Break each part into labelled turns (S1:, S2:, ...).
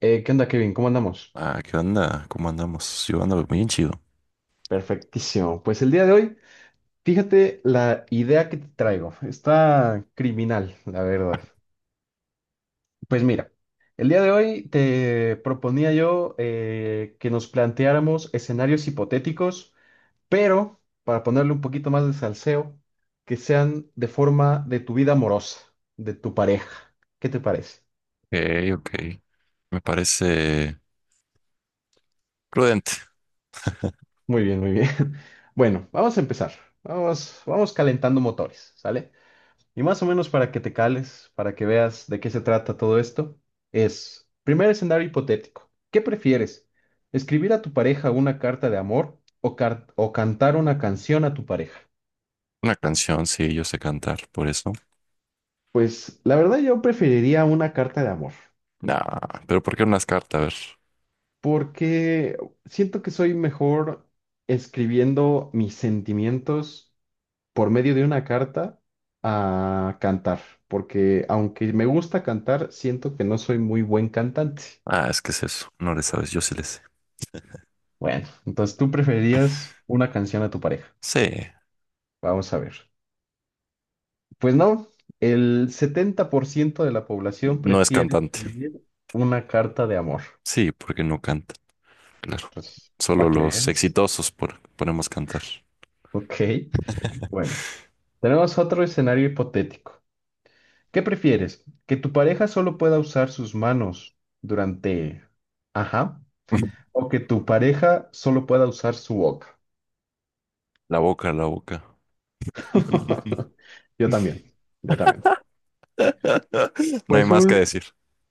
S1: ¿Qué onda, Kevin? ¿Cómo andamos?
S2: Ah, ¿qué onda? ¿Cómo andamos? Yo ando muy chido. Ok,
S1: Perfectísimo. Pues el día de hoy, fíjate la idea que te traigo. Está criminal, la verdad. Pues mira, el día de hoy te proponía yo que nos planteáramos escenarios hipotéticos, pero para ponerle un poquito más de salseo, que sean de forma de tu vida amorosa, de tu pareja. ¿Qué te parece?
S2: ok. Me parece prudente.
S1: Muy bien, muy bien. Bueno, vamos a empezar. Vamos, vamos calentando motores, ¿sale? Y más o menos para que te cales, para que veas de qué se trata todo esto, es, primer escenario hipotético, ¿qué prefieres? ¿Escribir a tu pareja una carta de amor o, o cantar una canción a tu pareja?
S2: Una canción, sí, yo sé cantar, por eso.
S1: Pues la verdad yo preferiría una carta de amor,
S2: Nah, pero ¿por qué unas cartas? A ver.
S1: porque siento que soy mejor escribiendo mis sentimientos por medio de una carta a cantar, porque aunque me gusta cantar, siento que no soy muy buen cantante.
S2: Ah, es que es eso. No le sabes, yo sí le sé.
S1: Bueno, entonces tú preferías una canción a tu pareja.
S2: Sí,
S1: Vamos a ver. Pues no, el 70% de la población
S2: no es
S1: prefiere
S2: cantante.
S1: escribir una carta de amor.
S2: Sí, porque no canta, claro.
S1: Entonces,
S2: Solo
S1: para que
S2: los
S1: veas.
S2: exitosos podemos cantar.
S1: Ok, bueno, tenemos otro escenario hipotético. ¿Qué prefieres? ¿Que tu pareja solo pueda usar sus manos durante. Ajá. ¿O que tu pareja solo pueda usar su boca?
S2: La boca, la boca.
S1: Yo también, yo también.
S2: No hay
S1: Pues
S2: más que
S1: un
S2: decir.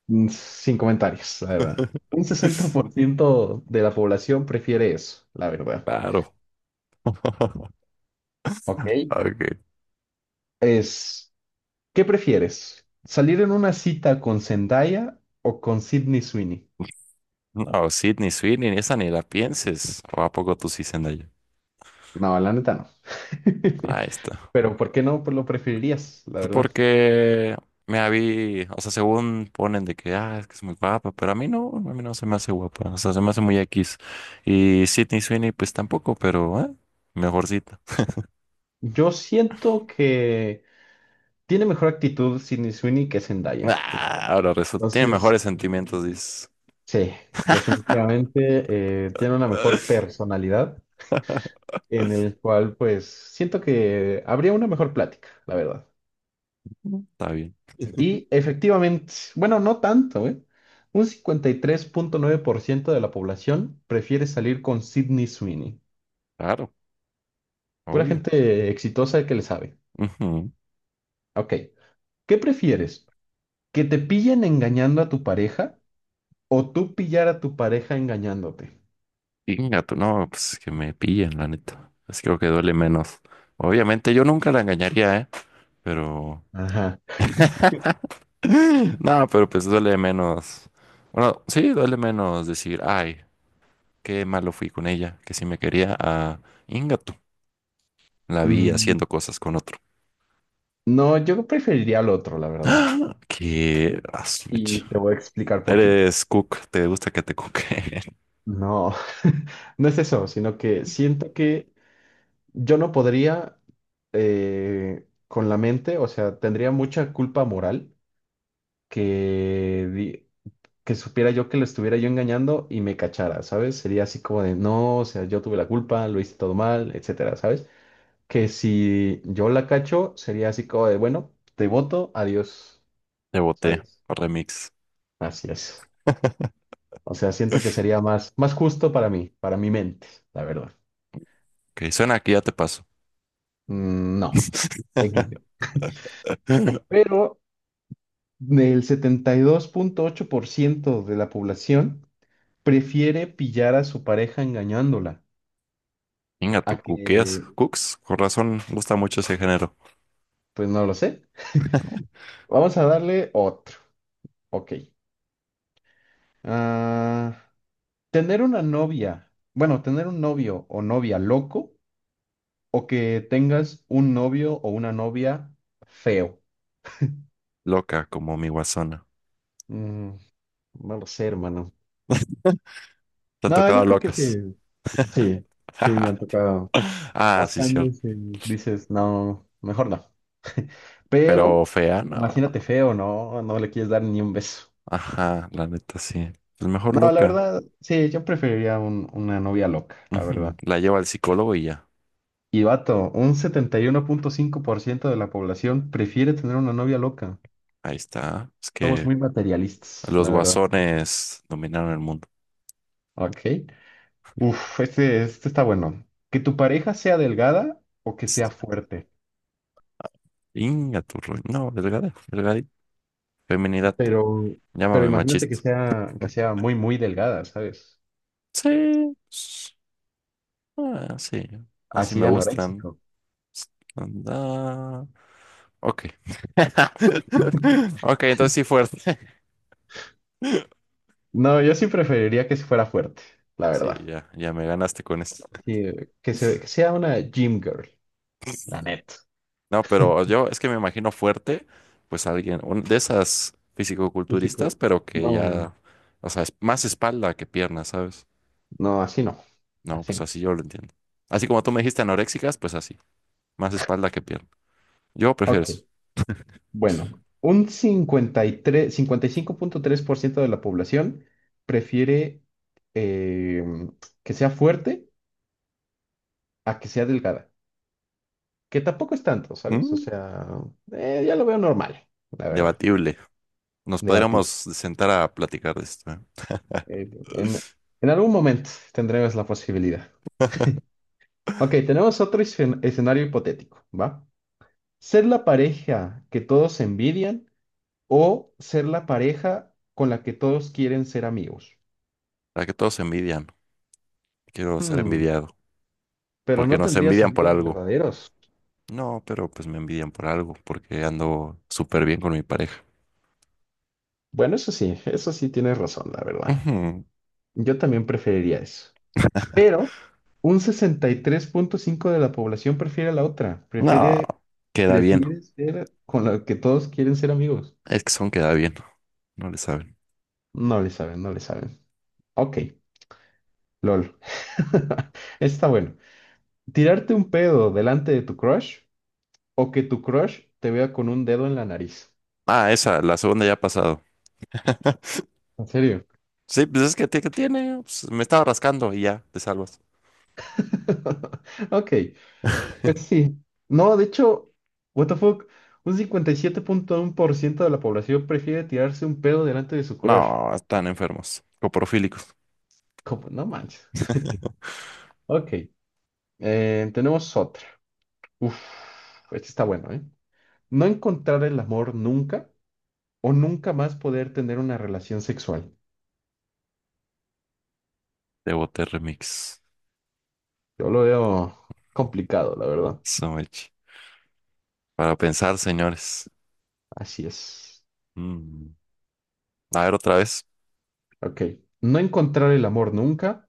S1: Sin comentarios, la verdad. Un sesenta por ciento de la población prefiere eso, la verdad.
S2: Claro.
S1: Ok.
S2: Ok.
S1: Es, ¿Qué prefieres? ¿Salir en una cita con Zendaya o con Sydney Sweeney?
S2: No, Sydney Sweeney, esa ni la pienses. ¿O a poco tú sí, Zendaya?
S1: No, la neta no.
S2: Ahí está.
S1: Pero ¿por qué no? Pues lo preferirías, la
S2: Pues
S1: verdad.
S2: porque me la, o sea, según ponen de que, ah, es que es muy guapa, pero a mí no se me hace guapa, o sea, se me hace muy X. Y Sydney Sweeney, pues tampoco, pero, ¿eh? Mejorcita.
S1: Yo siento que tiene mejor actitud Sydney Sweeney que Zendaya.
S2: Ah, ahora resulta, tiene
S1: Entonces,
S2: mejores sentimientos, dices.
S1: sí, definitivamente tiene una mejor personalidad. En el cual pues siento que habría una mejor plática, la verdad.
S2: Está bien,
S1: Y efectivamente, bueno, no tanto, ¿eh? Un 53.9% de la población prefiere salir con Sydney Sweeney.
S2: claro,
S1: Pura
S2: obvio.
S1: gente exitosa que le sabe.
S2: Ujú.
S1: Ok, ¿qué prefieres? ¿Que te pillen engañando a tu pareja o tú pillar a tu pareja engañándote?
S2: Inga, tú, no, pues que me pillen, la neta. Es que creo que duele menos. Obviamente yo nunca la engañaría, ¿eh? Pero...
S1: Ajá.
S2: No, pero pues duele menos. Bueno, sí, duele menos decir, ay, qué malo fui con ella, que si me quería a Ingato. La vi
S1: Mm,
S2: haciendo cosas con otro.
S1: No, yo preferiría al otro, la verdad.
S2: Que... ah, su
S1: Y
S2: mecha.
S1: te voy a explicar por qué.
S2: Eres cook, te gusta que te coque.
S1: No, no es eso, sino que siento que yo no podría con la mente, o sea, tendría mucha culpa moral que, que supiera yo que lo estuviera yo engañando y me cachara, ¿sabes? Sería así como de, no, o sea, yo tuve la culpa, lo hice todo mal, etcétera, ¿sabes? Que si yo la cacho, sería así como de, bueno, te voto, adiós,
S2: Te boté,
S1: ¿sabes?
S2: remix.
S1: Así es. O sea, siento que sería más, más justo para mí, para mi mente, la verdad.
S2: Que suena que ya te paso.
S1: Mm. No. XD. Pero del 72.8% de la población prefiere pillar a su pareja engañándola a
S2: Ingato,
S1: que,
S2: cuqueas, cooks. Con razón, gusta mucho ese género.
S1: pues no lo sé. Vamos a darle otro. Ok. Ah, tener una novia, bueno, tener un novio o novia loco o que tengas un novio o una novia feo.
S2: Loca como mi guasona.
S1: Mm, no lo sé, hermano.
S2: Te han
S1: No,
S2: tocado
S1: yo creo que
S2: locas.
S1: sí. Sí, sí, me ha tocado
S2: Ah, sí, cierto.
S1: bastantes dices, no, mejor no.
S2: Pero
S1: Pero
S2: fea, no.
S1: imagínate feo, ¿no? No le quieres dar ni un beso.
S2: Ajá, la neta sí. Es mejor
S1: No, la
S2: loca.
S1: verdad, sí, yo preferiría una novia loca, la
S2: Ujú,
S1: verdad.
S2: la lleva al psicólogo y ya.
S1: Y vato, un 71.5% de la población prefiere tener una novia loca.
S2: Ahí está. Es
S1: Somos
S2: que
S1: muy materialistas,
S2: los
S1: la verdad.
S2: guasones dominaron el mundo.
S1: Ok. Uf, este está bueno. Que tu pareja sea delgada o que sea
S2: S-
S1: fuerte.
S2: Inga tu no, delgada, delgadita. Feminidad.
S1: Pero, pero
S2: Llámame
S1: imagínate que
S2: machista.
S1: sea, muy, muy delgada, ¿sabes?
S2: Sí. Ah, sí. Así
S1: Así
S2: me gustan.
S1: anoréxico.
S2: S- Anda. Ok. Ok, entonces sí fuerte.
S1: No, yo sí preferiría que se fuera fuerte, la
S2: Sí,
S1: verdad.
S2: ya, ya me ganaste con esto.
S1: Sí, que sea una gym girl, la neta.
S2: No, pero yo es que me imagino fuerte, pues alguien, de esas
S1: Y sí,
S2: fisicoculturistas, pero que
S1: no,
S2: ya, o sea, es más espalda que pierna, ¿sabes?
S1: no, así no.
S2: No,
S1: Así
S2: pues
S1: no.
S2: así yo lo entiendo. Así como tú me dijiste anoréxicas, pues así, más espalda que pierna. Yo prefiero
S1: Ok,
S2: eso.
S1: bueno. Un cincuenta cincuenta y tres, tres cinco punto tres por ciento de la población prefiere eh, que sea fuerte a que sea delgada. Que tampoco es tanto, ¿sabes? O
S2: Mm,
S1: sea, ya lo veo normal, la verdad.
S2: Debatible. Nos podríamos
S1: Debatir.
S2: sentar a platicar de esto, ¿eh?
S1: Eh, en, en algún momento tendremos la posibilidad. Ok, tenemos otro escenario hipotético, ¿va? Ser la pareja que todos envidian o ser la pareja con la que todos quieren ser amigos.
S2: Para que todos se envidian. Quiero ser
S1: Hmm,
S2: envidiado.
S1: pero
S2: Porque
S1: no
S2: nos
S1: tendrías
S2: envidian por
S1: amigos
S2: algo.
S1: verdaderos.
S2: No, pero pues me envidian por algo, porque ando súper bien con mi pareja.
S1: Bueno, eso sí tienes razón, la verdad.
S2: Ujú.
S1: Yo también preferiría eso. Pero un 63.5 de la población prefiere la otra.
S2: No,
S1: Prefiere,
S2: queda bien.
S1: prefiere ser con la que todos quieren ser amigos.
S2: Es que son queda bien. No le saben.
S1: No le saben, no le saben. Ok, lol. Está bueno. ¿Tirarte un pedo delante de tu crush o que tu crush te vea con un dedo en la nariz?
S2: Ah, esa, la segunda ya ha pasado.
S1: ¿En serio?
S2: Sí, pues es que, que tiene. Pues, me estaba rascando y ya, te salvas.
S1: Ok, pues sí. No, de hecho, what the fuck, un 57.1% de la población prefiere tirarse un pedo delante de su crush.
S2: No, están enfermos. Coprofílicos.
S1: Como, no manches. Ok, tenemos otra. Uf, este está bueno, ¿eh? No encontrar el amor nunca o nunca más poder tener una relación sexual.
S2: De Boté Remix.
S1: Yo lo veo complicado, la verdad.
S2: So much. Para pensar, señores.
S1: Así es.
S2: Mm. A ver, otra vez.
S1: Ok. No encontrar el amor nunca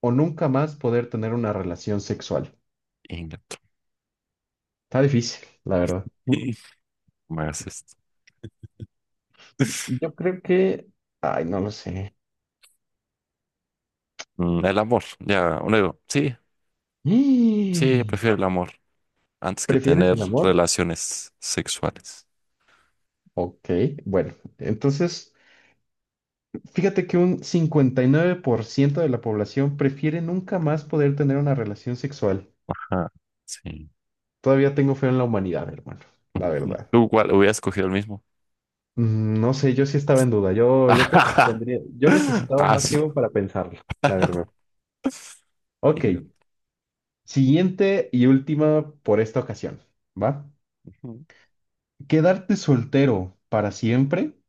S1: o nunca más poder tener una relación sexual.
S2: Inga.
S1: Está difícil, la verdad.
S2: No me hagas esto.
S1: Yo creo que. Ay, no lo sé.
S2: El amor. Ya, uno digo, sí, sí,
S1: Mm.
S2: prefiero el amor antes que
S1: ¿Prefieres
S2: tener
S1: el amor?
S2: relaciones sexuales.
S1: Ok, bueno, entonces fíjate que un 59% de la población prefiere nunca más poder tener una relación sexual.
S2: Ajá. Sí.
S1: Todavía tengo fe en la humanidad, hermano, la
S2: Sí.
S1: verdad.
S2: ¿Tú cuál? Hubiera escogido el mismo.
S1: No sé, yo sí estaba en duda. Yo creo que tendría, yo necesitaba
S2: Ah,
S1: más
S2: sí.
S1: tiempo para pensarlo, la verdad. Ok,
S2: Venga.
S1: siguiente y última por esta ocasión, ¿va?
S2: Ujú.
S1: ¿Quedarte soltero para siempre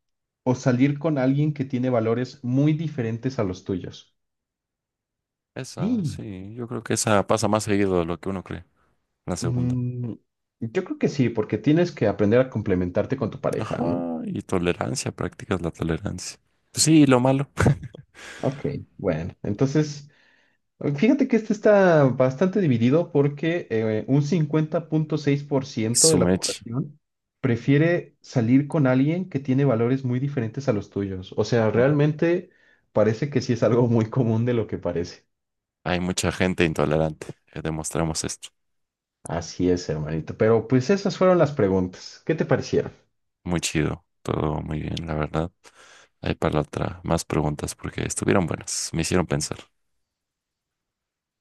S1: o salir con alguien que tiene valores muy diferentes a los tuyos?
S2: Esa,
S1: Sí.
S2: sí, yo creo que esa pasa más seguido de lo que uno cree, la segunda.
S1: Mm, yo creo que sí, porque tienes que aprender a complementarte con tu pareja,
S2: Ajá,
S1: ¿no?
S2: y tolerancia, practicas la tolerancia. Pues sí, lo malo.
S1: Ok, bueno, entonces fíjate que este está bastante dividido porque un 50.6% de
S2: Su
S1: la
S2: mecha.
S1: población prefiere salir con alguien que tiene valores muy diferentes a los tuyos. O sea, realmente parece que sí es algo muy común de lo que parece.
S2: Hay mucha gente intolerante. Demostramos esto.
S1: Así es, hermanito. Pero pues esas fueron las preguntas. ¿Qué te parecieron?
S2: Muy chido. Todo muy bien, la verdad. Hay para la otra más preguntas porque estuvieron buenas. Me hicieron pensar.